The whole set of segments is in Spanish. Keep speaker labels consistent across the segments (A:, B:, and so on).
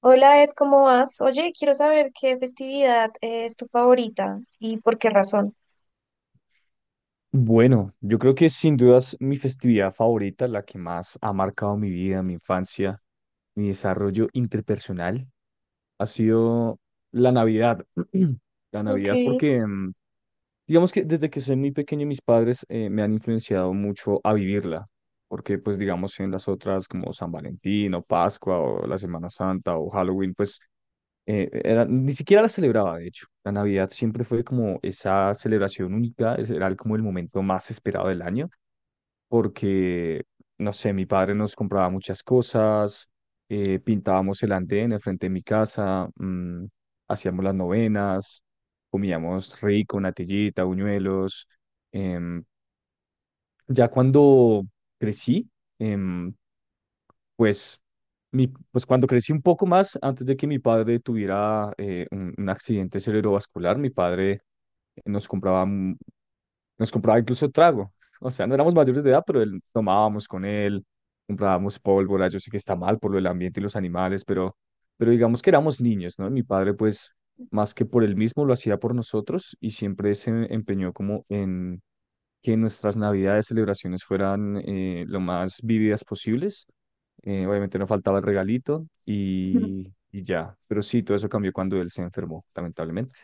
A: Hola Ed, ¿cómo vas? Oye, quiero saber qué festividad es tu favorita y por qué razón.
B: Bueno, yo creo que sin dudas mi festividad favorita, la que más ha marcado mi vida, mi infancia, mi desarrollo interpersonal, ha sido la Navidad. La
A: Ok.
B: Navidad porque, digamos que desde que soy muy pequeño mis padres me han influenciado mucho a vivirla, porque pues digamos en las otras como San Valentín o Pascua o la Semana Santa o Halloween, pues ni siquiera la celebraba, de hecho. La Navidad siempre fue como esa celebración única, ese era como el momento más esperado del año porque, no sé, mi padre nos compraba muchas cosas, pintábamos el andén al frente de mi casa, hacíamos las novenas, comíamos rico, natillita, buñuelos. em, ya cuando crecí, em, pues, pues cuando crecí un poco más, antes de que mi padre tuviera un accidente cerebrovascular, mi padre nos compraba nos compraba incluso trago. O sea, no éramos mayores de edad, pero él, tomábamos con él, comprábamos pólvora. Yo sé que está mal por lo del ambiente y los animales, pero digamos que éramos niños, ¿no? Mi padre, pues, más que por él mismo, lo hacía por nosotros y siempre se empeñó como en que nuestras navidades, celebraciones fueran lo más vívidas posibles. Obviamente no faltaba el regalito
A: Ujú.
B: y ya. Pero sí, todo eso cambió cuando él se enfermó, lamentablemente.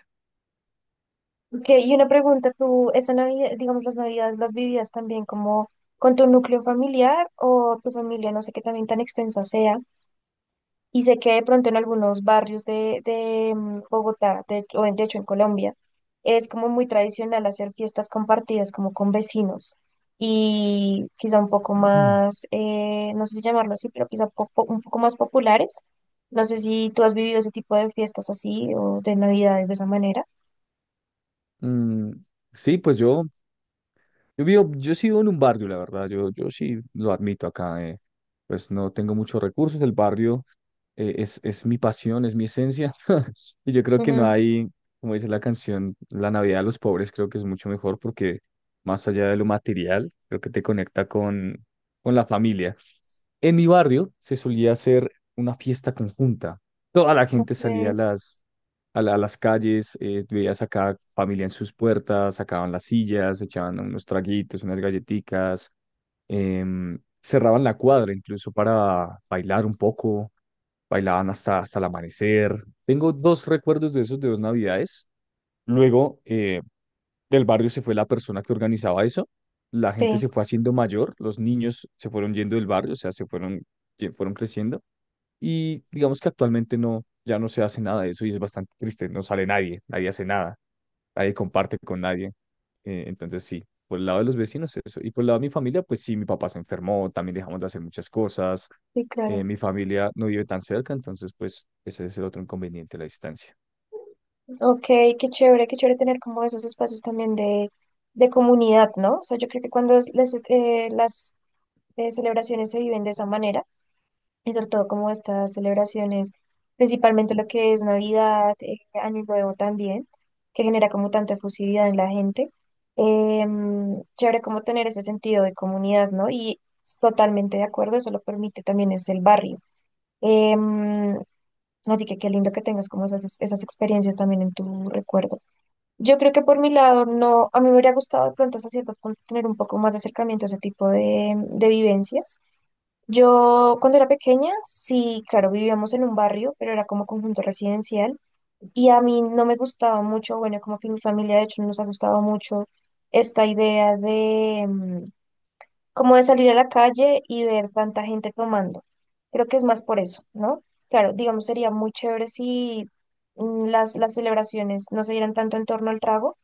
A: Ok, y una pregunta, ¿tú esa Navidad, digamos las Navidades, las vividas también como con tu núcleo familiar o tu familia, no sé qué también tan extensa sea? Y sé que de pronto en algunos barrios de Bogotá, de, de hecho en Colombia, es como muy tradicional hacer fiestas compartidas como con vecinos y quizá un poco
B: Mm.
A: más, no sé si llamarlo así, pero quizá un poco más populares. No sé si tú has vivido ese tipo de fiestas así o de navidades de esa manera.
B: Mm, sí, pues yo vivo, yo sí vivo en un barrio, la verdad, yo sí lo admito acá, pues no tengo muchos recursos, el barrio es mi pasión, es mi esencia, y yo creo que no
A: Ujú,
B: hay, como dice la canción, la Navidad de los pobres creo que es mucho mejor porque más allá de lo material, creo que te conecta con la familia. En mi barrio se solía hacer una fiesta conjunta. Toda la gente salía
A: ok.
B: a las calles, veías a cada familia en sus puertas, sacaban las sillas, echaban unos traguitos, unas galletitas, cerraban la cuadra incluso para bailar un poco, bailaban hasta, hasta el amanecer. Tengo dos recuerdos de esos de dos navidades. Luego, del barrio se fue la persona que organizaba eso, la gente
A: Sí,
B: se fue haciendo mayor, los niños se fueron yendo del barrio, o sea, se fueron, fueron creciendo y digamos que actualmente no, ya no se hace nada de eso y es bastante triste, no sale nadie, nadie hace nada, nadie comparte con nadie, entonces sí. Por el lado de los vecinos, eso. Y por el lado de mi familia, pues sí, mi papá se enfermó, también dejamos de hacer muchas cosas.
A: sí,
B: Eh,
A: claro.
B: mi familia no vive tan cerca, entonces, pues, ese es el otro inconveniente, la distancia.
A: Ok, qué chévere tener como esos espacios también de comunidad, ¿no? O sea, yo creo que cuando las celebraciones se viven de esa manera, y sobre todo como estas celebraciones, principalmente lo que es Navidad, Año Nuevo también, que genera como tanta efusividad en la gente. Chévere como tener ese sentido de comunidad, ¿no? Y totalmente de acuerdo, eso lo permite también es el barrio. Em, Así que qué lindo que tengas como esas experiencias también en tu recuerdo. Yo creo que por mi lado, no, a mí me hubiera gustado de pronto hasta cierto punto tener un poco más de acercamiento a ese tipo de vivencias, yo cuando era pequeña, sí, claro, vivíamos en un barrio, pero era como conjunto residencial, y a mí no me gustaba mucho. Bueno, como que mi familia de hecho no nos ha gustado mucho esta idea de como de salir a la calle y ver tanta gente tomando. Creo que es más por eso, ¿no? Claro, digamos, sería muy chévere si las celebraciones no se dieran tanto en torno al trago,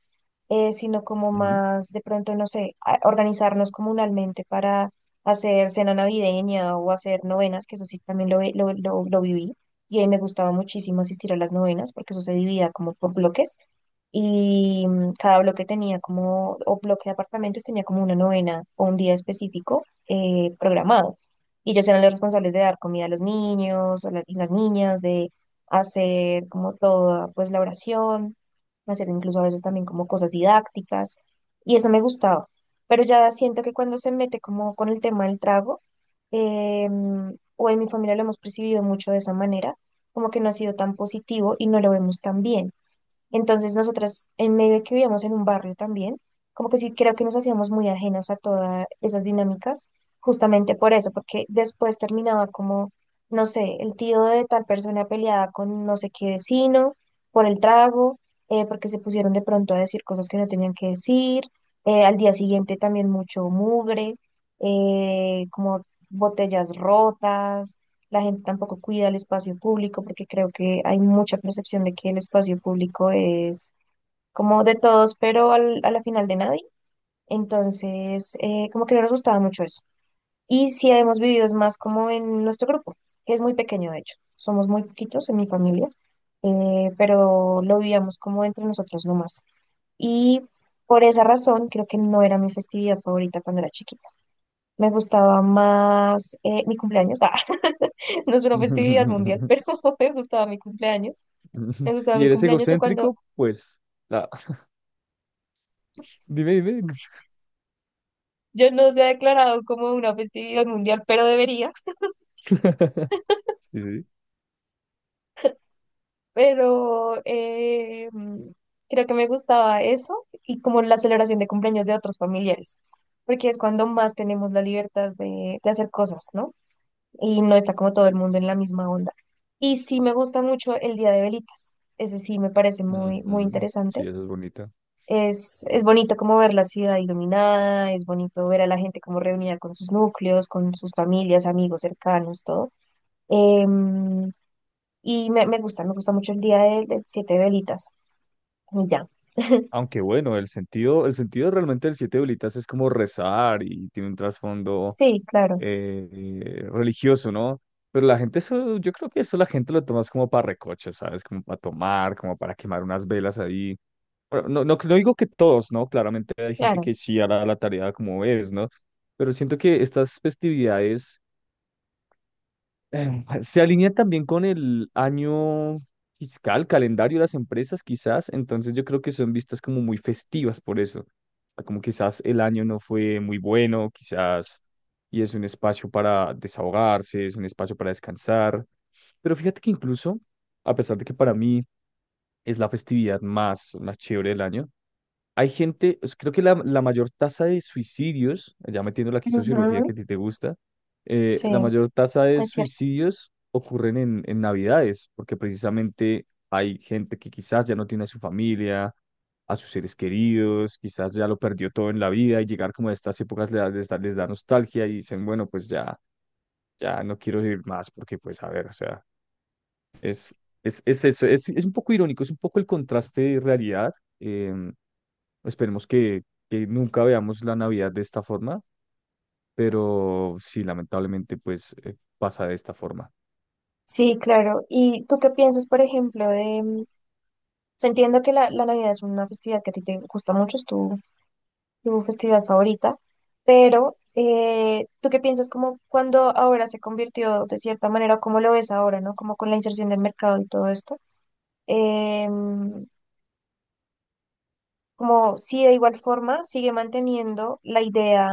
A: sino como
B: Ujú.
A: más de pronto, no sé, organizarnos comunalmente para hacer cena navideña o hacer novenas, que eso sí también lo, vi- lo viví. Y ahí me gustaba muchísimo asistir a las novenas porque eso se dividía como por bloques, y cada bloque tenía como, o bloque de apartamentos tenía como una novena o un día específico programado. Y ellos eran los responsables de dar comida a los niños, a las, y las niñas, de hacer como toda pues la oración, hacer incluso a veces también como cosas didácticas, y eso me gustaba. Pero ya siento que cuando se mete como con el tema del trago, eh, o en mi familia lo hemos percibido mucho de esa manera, como que no ha sido tan positivo y no lo vemos tan bien. Entonces nosotras, en medio de que vivíamos en un barrio también, como que sí creo que nos hacíamos muy ajenas a todas esas dinámicas, justamente por eso, porque después terminaba como, no sé, el tío de tal persona peleada con no sé qué vecino por el trago, porque se pusieron de pronto a decir cosas que no tenían que decir, al día siguiente también mucho mugre, como botellas rotas, la gente tampoco cuida el espacio público porque creo que hay mucha percepción de que el espacio público es como de todos, pero a la final de nadie. Entonces, como que no nos gustaba mucho eso. Y sí hemos vivido es más como en nuestro grupo, que es muy pequeño de hecho. Somos muy poquitos en mi familia, pero lo vivíamos como entre nosotros nomás. Y por esa razón creo que no era mi festividad favorita cuando era chiquita. Me gustaba más mi cumpleaños. Ah, no es una festividad mundial, pero me gustaba mi cumpleaños.
B: Ujú.
A: Me gustaba
B: ¿Y
A: mi
B: eres
A: cumpleaños o cuando
B: egocéntrico? Pues, la... dime, dime.
A: yo no se ha declarado como una festividad mundial, pero debería.
B: Sí, sí.
A: Pero creo que me gustaba eso y como la celebración de cumpleaños de otros familiares, porque es cuando más tenemos la libertad de hacer cosas, ¿no? Y no está como todo el mundo en la misma onda. Y sí me gusta mucho el Día de Velitas. Ese sí me parece muy, muy
B: Ujú.
A: interesante.
B: Sí, esa es bonita.
A: Es bonito como ver la ciudad iluminada, es bonito ver a la gente como reunida con sus núcleos, con sus familias, amigos cercanos, todo. Em, y me, me gusta mucho el día del, del siete velitas. Y ya.
B: Aunque bueno, el sentido realmente del siete velitas es como rezar y tiene un trasfondo
A: Sí, claro,
B: religioso, ¿no? Pero la gente eso, yo creo que eso la gente lo toma es como para recocha, ¿sabes? Como para tomar, como para quemar unas velas ahí. Bueno, no, no, no digo que todos, ¿no? Claramente hay gente
A: claro.
B: que sí hará la tarea como es, ¿no? Pero siento que estas festividades se alinea también con el año fiscal, calendario de las empresas, quizás. Entonces yo creo que son vistas como muy festivas por eso. O sea, como quizás el año no fue muy bueno, quizás, y es un espacio para desahogarse, es un espacio para descansar. Pero fíjate que incluso, a pesar de que para mí es la festividad más, más chévere del año, hay gente, pues, creo que la mayor tasa de suicidios, ya metiendo aquí sociología que
A: Ujú.
B: a ti te gusta,
A: Sí,
B: la mayor tasa de
A: es cierto.
B: suicidios ocurren en Navidades, porque precisamente hay gente que quizás ya no tiene a su familia, a sus seres queridos, quizás ya lo perdió todo en la vida y llegar como a estas épocas les da nostalgia y dicen, bueno, pues ya, ya no quiero vivir más porque pues a ver, o sea, es, es un poco irónico, es un poco el contraste de realidad. em, Esperemos que nunca veamos la Navidad de esta forma, pero sí, lamentablemente, pues pasa de esta forma.
A: Sí, claro. ¿Y tú qué piensas, por ejemplo, de... o sea, entiendo que la, la Navidad es una festividad que a ti te gusta mucho, es tu tu festividad favorita, pero ¿tú qué piensas como cuando ahora se convirtió de cierta manera, o cómo lo ves ahora, ¿no? Como con la inserción del mercado y todo esto, em, como si de igual forma sigue manteniendo la idea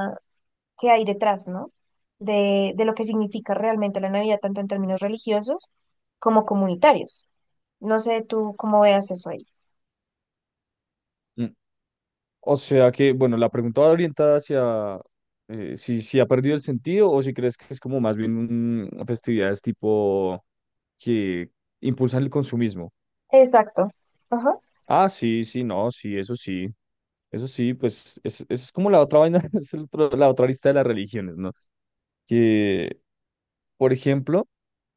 A: que hay detrás, ¿no? De lo que significa realmente la Navidad, tanto en términos religiosos como comunitarios. No sé tú cómo veas eso ahí.
B: Mm. O sea que, bueno, la pregunta va orientada hacia si ha perdido el sentido o si crees que es como más bien un, festividades tipo que impulsan el consumismo.
A: Exacto. Ajá.
B: Ah, sí, sí, no, sí, eso sí. Eso sí, pues es, eso es como la otra vaina, es el la otra lista de las religiones, ¿no? Que, por ejemplo,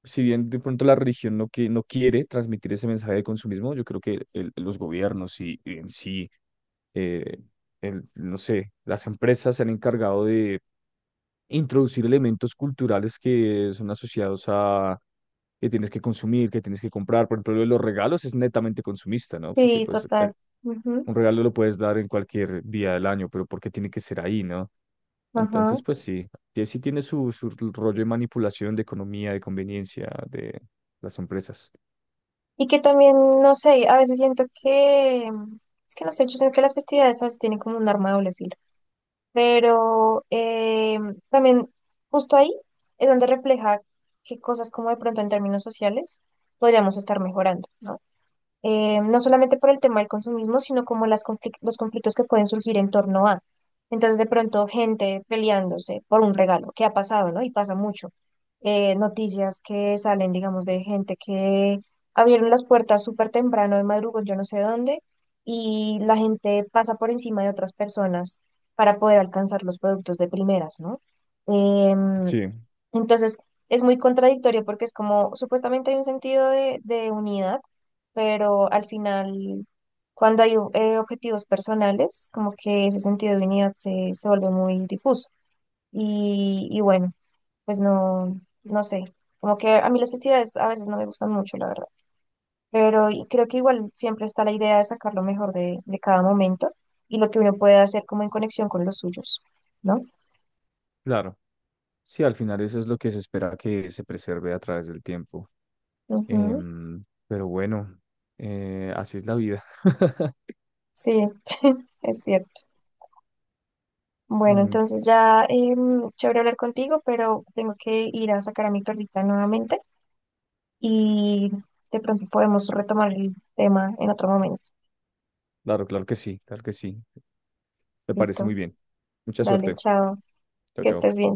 B: si bien de pronto la religión no, que, no quiere transmitir ese mensaje de consumismo, yo creo que los gobiernos y en sí, eh, no sé, las empresas se han encargado de introducir elementos culturales que son asociados a que tienes que consumir, que tienes que comprar. Por ejemplo, lo de los regalos es netamente consumista, ¿no? Porque
A: Sí,
B: pues
A: total. Ujú.
B: un regalo lo puedes dar en cualquier día del año, pero ¿por qué tiene que ser ahí, no?
A: Ajá.
B: Entonces, pues sí, sí tiene su, su rollo de manipulación, de economía, de conveniencia, de las empresas.
A: Y que también, no sé, a veces siento que, es que no sé, yo siento que las festividades a veces tienen como un arma de doble filo, pero también justo ahí es donde refleja qué cosas como de pronto en términos sociales podríamos estar mejorando, ¿no? No solamente por el tema del consumismo, sino como las los conflictos que pueden surgir en torno a. Entonces, de pronto, gente peleándose por un regalo, que ha pasado, ¿no? Y pasa mucho. Noticias que salen, digamos, de gente que abrieron las puertas súper temprano, de madrugón, yo no sé dónde, y la gente pasa por encima de otras personas para poder alcanzar los productos de primeras, ¿no? Em,
B: Sí,
A: entonces, es muy contradictorio porque es como, supuestamente hay un sentido de unidad, pero al final, cuando hay objetivos personales, como que ese sentido de unidad se, se vuelve muy difuso. Y bueno, pues no, no sé, como que a mí las festividades a veces no me gustan mucho, la verdad. Pero y creo que igual siempre está la idea de sacar lo mejor de cada momento y lo que uno puede hacer como en conexión con los suyos, ¿no?
B: claro. Sí, al final eso es lo que se espera que se preserve a través del tiempo.
A: Ujú.
B: Em, pero bueno, así es la vida.
A: Sí, es cierto. Bueno,
B: Mm,
A: entonces ya chévere hablar contigo, pero tengo que ir a sacar a mi perrita nuevamente y de pronto podemos retomar el tema en otro momento.
B: claro, claro que sí, claro que sí. Me parece
A: Listo,
B: muy bien. Mucha
A: dale,
B: suerte.
A: chao,
B: Chao,
A: que
B: chao.
A: estés bien.